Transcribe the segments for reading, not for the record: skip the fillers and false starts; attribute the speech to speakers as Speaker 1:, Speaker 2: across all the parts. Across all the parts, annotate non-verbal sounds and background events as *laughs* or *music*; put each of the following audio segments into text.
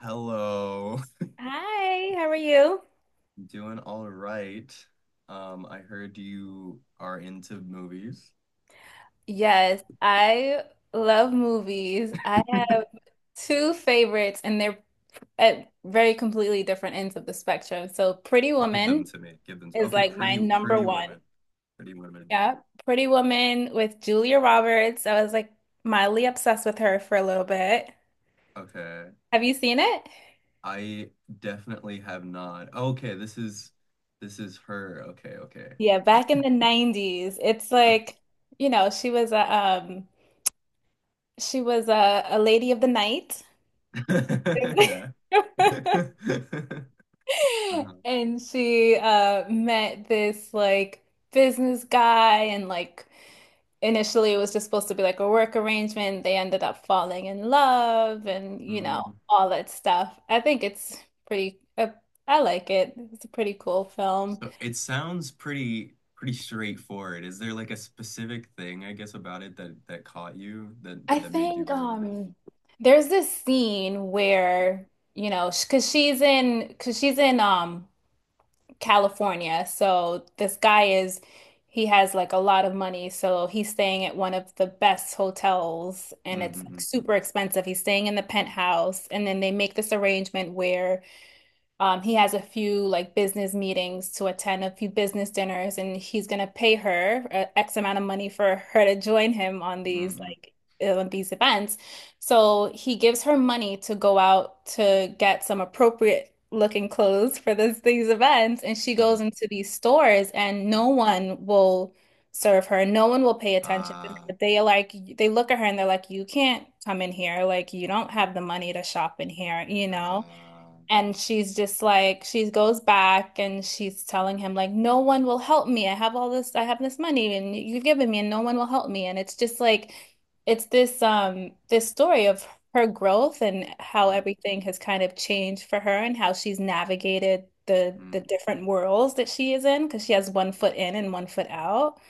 Speaker 1: Hello.
Speaker 2: Hi, how are you?
Speaker 1: *laughs* Doing all right. I heard you are into movies.
Speaker 2: Yes, I love movies. I have
Speaker 1: *laughs*
Speaker 2: two favorites, and they're at very completely different ends of the spectrum. So, Pretty
Speaker 1: Give them
Speaker 2: Woman
Speaker 1: to me. Give them. To-
Speaker 2: is
Speaker 1: Okay,
Speaker 2: like my
Speaker 1: pretty
Speaker 2: number
Speaker 1: pretty
Speaker 2: one.
Speaker 1: women. Pretty women.
Speaker 2: Yeah, Pretty Woman with Julia Roberts. I was like mildly obsessed with her for a little bit.
Speaker 1: Okay.
Speaker 2: Have you seen it?
Speaker 1: I definitely have not. Okay, this is her. Okay,
Speaker 2: Yeah, back in the 90s. It's like, you know, she was a lady of the night.
Speaker 1: okay. *laughs* Yeah.
Speaker 2: *laughs*
Speaker 1: *laughs* Uh-huh.
Speaker 2: *laughs* And she met this like business guy, and like initially it was just supposed to be like a work arrangement. They ended up falling in love, and
Speaker 1: Mm.
Speaker 2: all that stuff. Pretty uh, I like it. It's a pretty cool film.
Speaker 1: So it sounds pretty straightforward. Is there like a specific thing, I guess, about it that caught you that
Speaker 2: I
Speaker 1: that made you
Speaker 2: think
Speaker 1: really like it?
Speaker 2: there's this scene where, because she's in, California. So, this guy, is, he has like a lot of money. So, he's staying at one of the best hotels, and it's like
Speaker 1: Mm-mm-mm.
Speaker 2: super expensive. He's staying in the penthouse. And then they make this arrangement where, he has a few like business meetings to attend, a few business dinners, and he's gonna pay her X amount of money for *laughs* her to join him on these
Speaker 1: Mm.
Speaker 2: like, on these events. So he gives her money to go out to get some appropriate looking clothes for this these events, and she
Speaker 1: Uh-huh.
Speaker 2: goes into these stores, and no one will serve her. No one will pay attention to
Speaker 1: Ah,
Speaker 2: her. They look at her, and they're like, "You can't come in here. Like, you don't have the money to shop in here," you know?
Speaker 1: ah,
Speaker 2: And she's just like, she goes back and she's telling him, like, no one will help me. I have this money and you've given me, and no one will help me. And it's just like, this story of her growth and how
Speaker 1: mm,
Speaker 2: everything has kind of changed for her and how she's navigated the
Speaker 1: mm.
Speaker 2: the different worlds that she is in because she has one foot in and one foot out.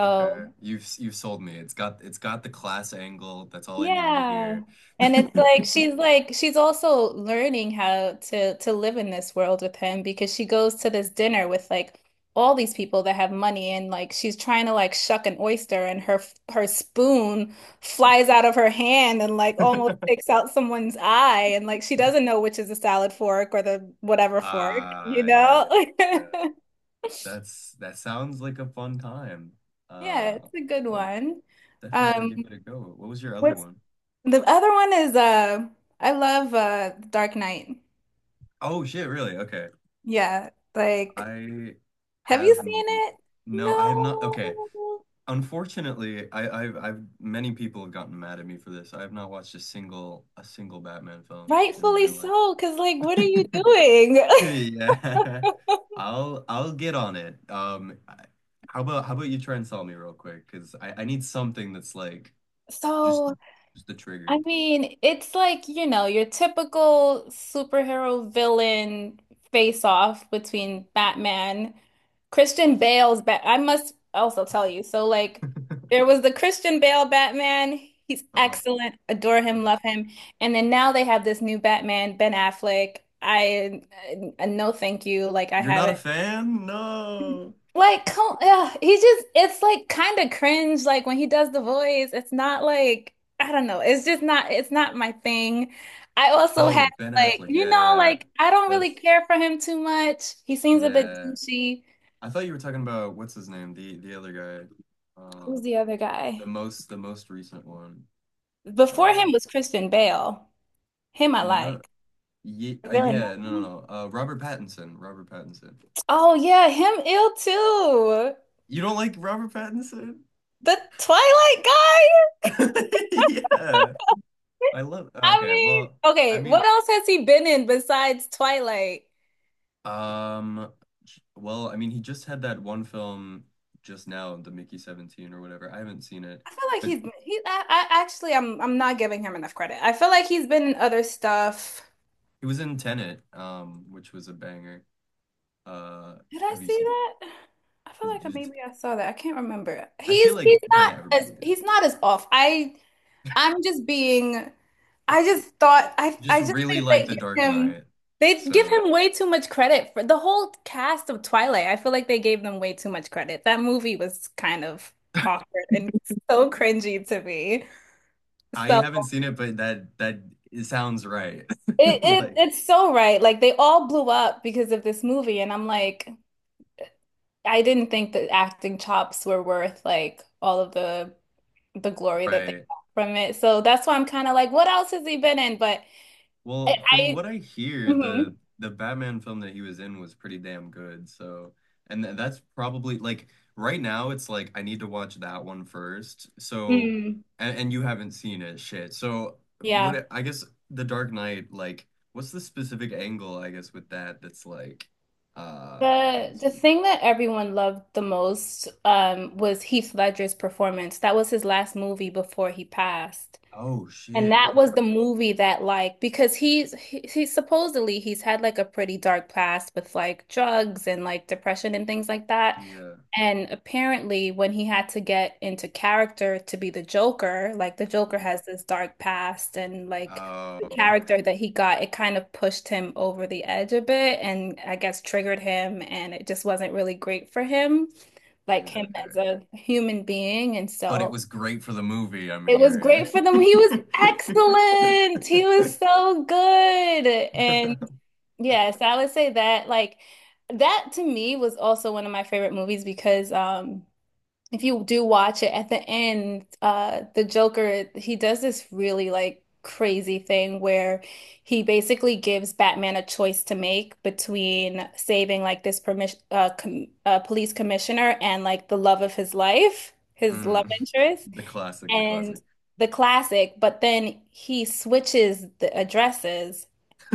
Speaker 1: Okay. You've sold me. It's got the class angle. That's all I needed to
Speaker 2: Yeah.
Speaker 1: hear. *laughs*
Speaker 2: And it's like she's also learning how to live in this world with him, because she goes to this dinner with like all these people that have money, and like she's trying to like shuck an oyster, and her her spoon flies out of her hand and like almost takes out someone's eye, and like she doesn't know which is the salad fork or the whatever fork, you
Speaker 1: Ah, yeah.
Speaker 2: know?
Speaker 1: Yeah.
Speaker 2: *laughs*
Speaker 1: That's that sounds like a fun time.
Speaker 2: Yeah,
Speaker 1: Uh,
Speaker 2: it's a good
Speaker 1: I'll
Speaker 2: one.
Speaker 1: definitely
Speaker 2: Um,
Speaker 1: give it a go. What was your other
Speaker 2: what's
Speaker 1: one?
Speaker 2: the other one is I love Dark Knight.
Speaker 1: Oh shit, really? Okay.
Speaker 2: Yeah, like,
Speaker 1: I
Speaker 2: have you
Speaker 1: have n-
Speaker 2: seen it?
Speaker 1: no, I have not. Okay.
Speaker 2: No,
Speaker 1: Unfortunately, I've many people have gotten mad at me for this. I have not watched a single Batman film in my
Speaker 2: rightfully
Speaker 1: life.
Speaker 2: so, because, like, what are you
Speaker 1: *laughs*
Speaker 2: doing? *laughs*
Speaker 1: Yeah. I'll get on it. How about you try and sell me real quick? Because I need something that's like just
Speaker 2: So,
Speaker 1: just the
Speaker 2: I
Speaker 1: trigger.
Speaker 2: mean, it's like, your typical superhero villain face off between Batman, Christian Bale's Bat. I must also tell you. So, like,
Speaker 1: *laughs*
Speaker 2: there was the Christian Bale Batman. He's
Speaker 1: Uh-huh.
Speaker 2: excellent. Adore him,
Speaker 1: Uh-huh.
Speaker 2: love him. And then now they have this new Batman, Ben Affleck. I, no, thank you. Like, I
Speaker 1: You're not a
Speaker 2: haven't.
Speaker 1: fan? No.
Speaker 2: Like, come, yeah, it's like kind of cringe. Like, when he does the voice, it's not like, I don't know. It's not my thing. I also have
Speaker 1: Oh, Ben
Speaker 2: like,
Speaker 1: Affleck.
Speaker 2: you
Speaker 1: Yeah,
Speaker 2: know,
Speaker 1: yeah.
Speaker 2: like I don't really
Speaker 1: That's
Speaker 2: care for him too much. He seems a bit
Speaker 1: yeah.
Speaker 2: douchey.
Speaker 1: I thought you were talking about what's his name, the other guy,
Speaker 2: Who's the other guy?
Speaker 1: the most recent one.
Speaker 2: Before
Speaker 1: Uh,
Speaker 2: him was Christian Bale. Him I
Speaker 1: no,
Speaker 2: like.
Speaker 1: yeah,
Speaker 2: Is there another
Speaker 1: yeah, no, no,
Speaker 2: one?
Speaker 1: no. Robert Pattinson, Robert Pattinson.
Speaker 2: Oh yeah, him ill too.
Speaker 1: You don't like Robert Pattinson?
Speaker 2: The Twilight guy?
Speaker 1: *laughs* Yeah, I love.
Speaker 2: I
Speaker 1: Okay,
Speaker 2: mean,
Speaker 1: I
Speaker 2: okay, what
Speaker 1: mean,
Speaker 2: else has he been in besides Twilight?
Speaker 1: um, well, I mean, he just had that one film just now, the Mickey 17 or whatever. I haven't seen it,
Speaker 2: I feel like
Speaker 1: but
Speaker 2: he's he. I actually, I'm not giving him enough credit. I feel like he's been in other stuff.
Speaker 1: he was in Tenet, which was a banger. Uh,
Speaker 2: Did I
Speaker 1: have you
Speaker 2: see
Speaker 1: seen?
Speaker 2: that? I feel like maybe I saw that. I can't remember.
Speaker 1: I feel
Speaker 2: He's he's
Speaker 1: like kind
Speaker 2: not
Speaker 1: of everybody
Speaker 2: as
Speaker 1: did.
Speaker 2: he's not as off. I'm just being. I just thought I
Speaker 1: Just
Speaker 2: I just
Speaker 1: really
Speaker 2: think
Speaker 1: like
Speaker 2: they
Speaker 1: The
Speaker 2: give
Speaker 1: Dark
Speaker 2: him
Speaker 1: Knight.
Speaker 2: they give
Speaker 1: So
Speaker 2: him way too much credit for the whole cast of Twilight. I feel like they gave them way too much credit. That movie was kind of awkward and so cringy to me.
Speaker 1: I
Speaker 2: So.
Speaker 1: haven't seen it, but that it sounds right. *laughs*
Speaker 2: It, it
Speaker 1: Like,
Speaker 2: it's so right. Like, they all blew up because of this movie, and I'm like, I didn't think that acting chops were worth like all of the glory that they
Speaker 1: right.
Speaker 2: got from it. So, that's why I'm kind of like, what else has he been in? But, I,
Speaker 1: Well, from
Speaker 2: I
Speaker 1: what I hear,
Speaker 2: mhm,
Speaker 1: the Batman film that he was in was pretty damn good. So, and th that's probably like right now it's like I need to watch that one first. So,
Speaker 2: mm,
Speaker 1: and you haven't seen it, shit. So, what
Speaker 2: yeah.
Speaker 1: I guess The Dark Knight, like, what's the specific angle, I guess, with that that's like uh
Speaker 2: The thing that everyone loved the most was Heath Ledger's performance. That was his last movie before he passed.
Speaker 1: Oh
Speaker 2: And
Speaker 1: shit.
Speaker 2: that was
Speaker 1: Okay.
Speaker 2: the movie that, like, because he's he supposedly he's had like a pretty dark past with like drugs and like depression and things like that.
Speaker 1: Yeah.
Speaker 2: And apparently when he had to get into character to be the Joker, like the Joker
Speaker 1: Mm.
Speaker 2: has this dark past, and like the
Speaker 1: Oh,
Speaker 2: character that he got, it kind of pushed him over the edge a bit, and I guess triggered him, and it just wasn't really great for him,
Speaker 1: *laughs*
Speaker 2: like
Speaker 1: shit.
Speaker 2: him
Speaker 1: Okay.
Speaker 2: as a human being. And
Speaker 1: But it
Speaker 2: so
Speaker 1: was great for the movie, I'm
Speaker 2: it was
Speaker 1: hearing.
Speaker 2: great for them. He was
Speaker 1: *laughs*
Speaker 2: excellent. He was so good. And yes, I would say that, like, that to me was also one of my favorite movies, because if you do watch it at the end, the Joker, he does this really like crazy thing where he basically gives Batman a choice to make between saving like this permission com police commissioner and like the love of his life, his love
Speaker 1: Mm.
Speaker 2: interest,
Speaker 1: The classic, the
Speaker 2: and
Speaker 1: classic.
Speaker 2: the classic, but then he switches the addresses.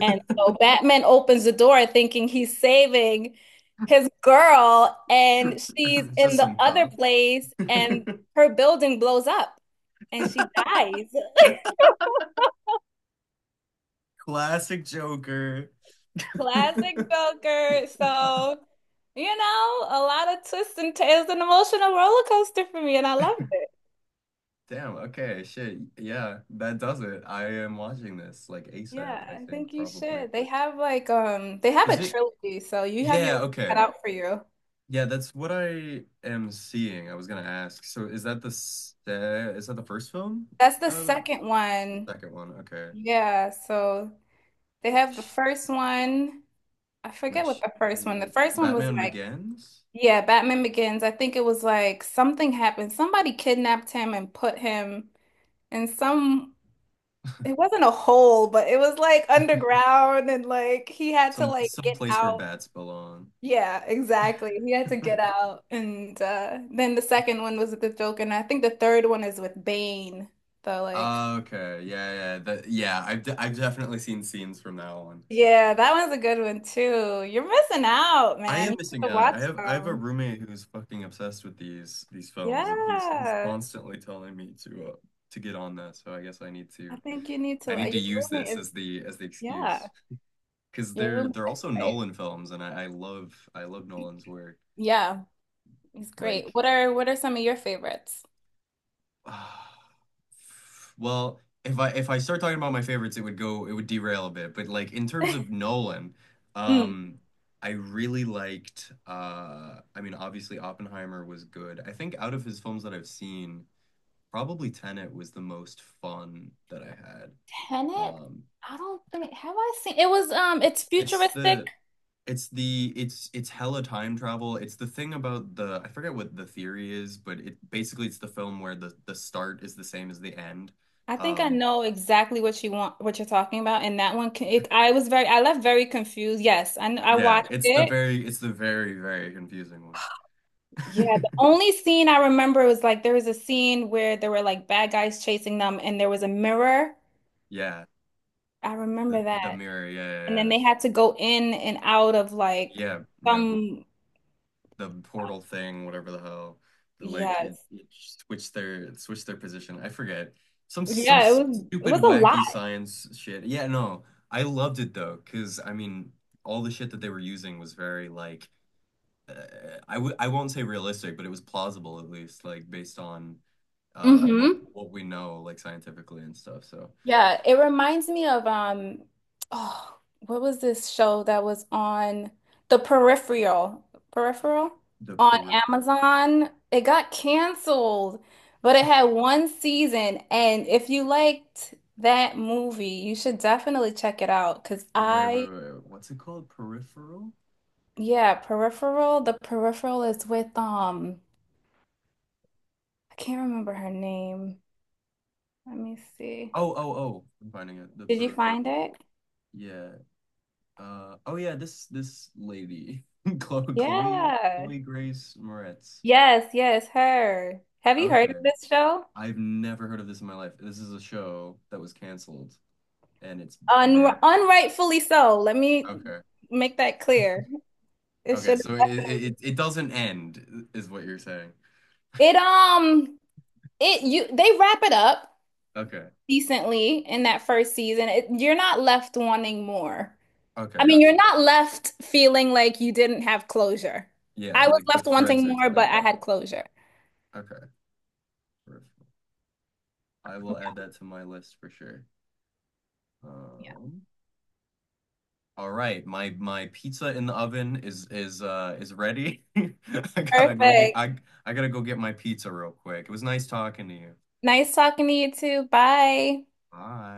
Speaker 2: And so Batman opens the door thinking he's saving his girl, and
Speaker 1: *laughs*
Speaker 2: she's
Speaker 1: It's
Speaker 2: in
Speaker 1: just
Speaker 2: the
Speaker 1: some
Speaker 2: other
Speaker 1: cop.
Speaker 2: place, and her building blows up, and she dies. *laughs*
Speaker 1: Classic Joker.
Speaker 2: Classic
Speaker 1: *laughs*
Speaker 2: Joker. So, a lot of twists and turns, an emotional roller coaster for me, and I loved it.
Speaker 1: Damn, okay, shit. Yeah, that does it. I am watching this like ASAP,
Speaker 2: Yeah,
Speaker 1: I
Speaker 2: I
Speaker 1: think,
Speaker 2: think you
Speaker 1: probably.
Speaker 2: should. They have like they have
Speaker 1: Is
Speaker 2: a
Speaker 1: it?
Speaker 2: trilogy, so you have your
Speaker 1: Yeah,
Speaker 2: work
Speaker 1: okay.
Speaker 2: cut out for you.
Speaker 1: Yeah, that's what I am seeing. I was gonna ask. So is that is that the first film?
Speaker 2: That's the
Speaker 1: uh,
Speaker 2: second
Speaker 1: The
Speaker 2: one.
Speaker 1: second one, okay.
Speaker 2: Yeah, so they have the first one. I forget what
Speaker 1: Which
Speaker 2: the first one. The
Speaker 1: is
Speaker 2: first one was
Speaker 1: Batman
Speaker 2: like,
Speaker 1: Begins?
Speaker 2: yeah, Batman Begins. I think it was like something happened. Somebody kidnapped him and put him in some, it
Speaker 1: *laughs*
Speaker 2: wasn't a hole, but it was like underground, and like he had to
Speaker 1: Some
Speaker 2: like get
Speaker 1: place where
Speaker 2: out.
Speaker 1: bats belong. *laughs*
Speaker 2: Yeah, exactly. He had to get out. And then the second one was with the Joker, and I think the third one is with Bane. So, like,
Speaker 1: Okay, yeah, yeah, that, yeah. I've definitely seen scenes from that one.
Speaker 2: yeah, that one's a good one too. You're missing out,
Speaker 1: I
Speaker 2: man.
Speaker 1: am
Speaker 2: You have
Speaker 1: missing
Speaker 2: to
Speaker 1: out.
Speaker 2: watch
Speaker 1: I have a
Speaker 2: them.
Speaker 1: roommate who's fucking obsessed with these films, and he's
Speaker 2: Yeah.
Speaker 1: constantly telling me to get on that. So I guess
Speaker 2: I think you need
Speaker 1: I
Speaker 2: to
Speaker 1: need to
Speaker 2: your
Speaker 1: use this
Speaker 2: roommate is,
Speaker 1: as the
Speaker 2: yeah.
Speaker 1: excuse because
Speaker 2: Your roommate
Speaker 1: they're
Speaker 2: is
Speaker 1: also
Speaker 2: great.
Speaker 1: Nolan films, and I love Nolan's work.
Speaker 2: Yeah, he's great.
Speaker 1: Like
Speaker 2: What are some of your favorites?
Speaker 1: *sighs* Well, if I start talking about my favorites, it would derail a bit. But like in terms of Nolan,
Speaker 2: Mm.
Speaker 1: um, I really liked I mean obviously Oppenheimer was good. I think out of his films that I've seen, probably Tenet was the most fun that I had.
Speaker 2: Tenet?
Speaker 1: Um,
Speaker 2: I don't think, have I seen, it was it's
Speaker 1: it's
Speaker 2: futuristic.
Speaker 1: the it's hella time travel. It's the thing about the I forget what the theory is, but it basically it's the film where the start is the same as the end.
Speaker 2: I think I
Speaker 1: Um,
Speaker 2: know exactly what you want, what you're talking about, and that one. It, I left very confused. Yes, I
Speaker 1: Yeah,
Speaker 2: watched
Speaker 1: it's the
Speaker 2: it.
Speaker 1: very very confusing one.
Speaker 2: Yeah, the
Speaker 1: *laughs*
Speaker 2: only scene I remember was like there was a scene where there were like bad guys chasing them, and there was a mirror.
Speaker 1: Yeah,
Speaker 2: I
Speaker 1: the
Speaker 2: remember that,
Speaker 1: mirror. Yeah, yeah,
Speaker 2: and then
Speaker 1: yeah.
Speaker 2: they had to go in and out of like
Speaker 1: Yeah, you know,
Speaker 2: some.
Speaker 1: the portal thing, whatever the hell. Like
Speaker 2: Yes,
Speaker 1: it switched their position. I forget. Some
Speaker 2: yeah, it was it
Speaker 1: stupid
Speaker 2: was a lot.
Speaker 1: wacky science shit. Yeah, no. I loved it though, cause I mean, all the shit that they were using was very like uh, I won't say realistic, but it was plausible at least, like based on what
Speaker 2: Mm-hmm.
Speaker 1: we know like scientifically and stuff. So
Speaker 2: Yeah, it reminds me of, oh, what was this show that was on? The Peripheral? Peripheral
Speaker 1: the
Speaker 2: on
Speaker 1: peripheral.
Speaker 2: Amazon. It got canceled, but it had one season, and if you liked that movie, you should definitely check it out. Cause
Speaker 1: Wait, wait,
Speaker 2: I,
Speaker 1: wait, wait. What's it called? Peripheral?
Speaker 2: yeah, Peripheral, The Peripheral is with, I can't remember her name. Let me see.
Speaker 1: Oh, oh, oh. I'm finding it. The
Speaker 2: Did you find
Speaker 1: peripheral.
Speaker 2: it?
Speaker 1: Yeah. Oh, yeah. This lady, *laughs*
Speaker 2: Yeah.
Speaker 1: Chloe Grace Moretz.
Speaker 2: Yes, yes, her. Have you heard of
Speaker 1: Okay.
Speaker 2: this show?
Speaker 1: I've never heard of this in my life. This is a show that was canceled, and it's a
Speaker 2: Un
Speaker 1: banger.
Speaker 2: unrightfully so. Let me
Speaker 1: Okay.
Speaker 2: make that clear. It
Speaker 1: Okay.
Speaker 2: should
Speaker 1: So
Speaker 2: definitely.
Speaker 1: it doesn't end, is what you're saying.
Speaker 2: It um it, you, they wrap it up
Speaker 1: Okay.
Speaker 2: decently in that first season. It, you're not left wanting more.
Speaker 1: Okay.
Speaker 2: I mean, you're
Speaker 1: Gotcha.
Speaker 2: not left feeling like you didn't have closure.
Speaker 1: Yeah.
Speaker 2: I was
Speaker 1: Like the
Speaker 2: left wanting
Speaker 1: threads are
Speaker 2: more, but
Speaker 1: tied
Speaker 2: I
Speaker 1: up.
Speaker 2: had closure.
Speaker 1: Okay. Peripheral. I will add that to my list for sure. Um, all right, my pizza in the oven is ready. *laughs*
Speaker 2: Perfect.
Speaker 1: I gotta go get my pizza real quick. It was nice talking to you.
Speaker 2: Nice talking to you too. Bye.
Speaker 1: Bye.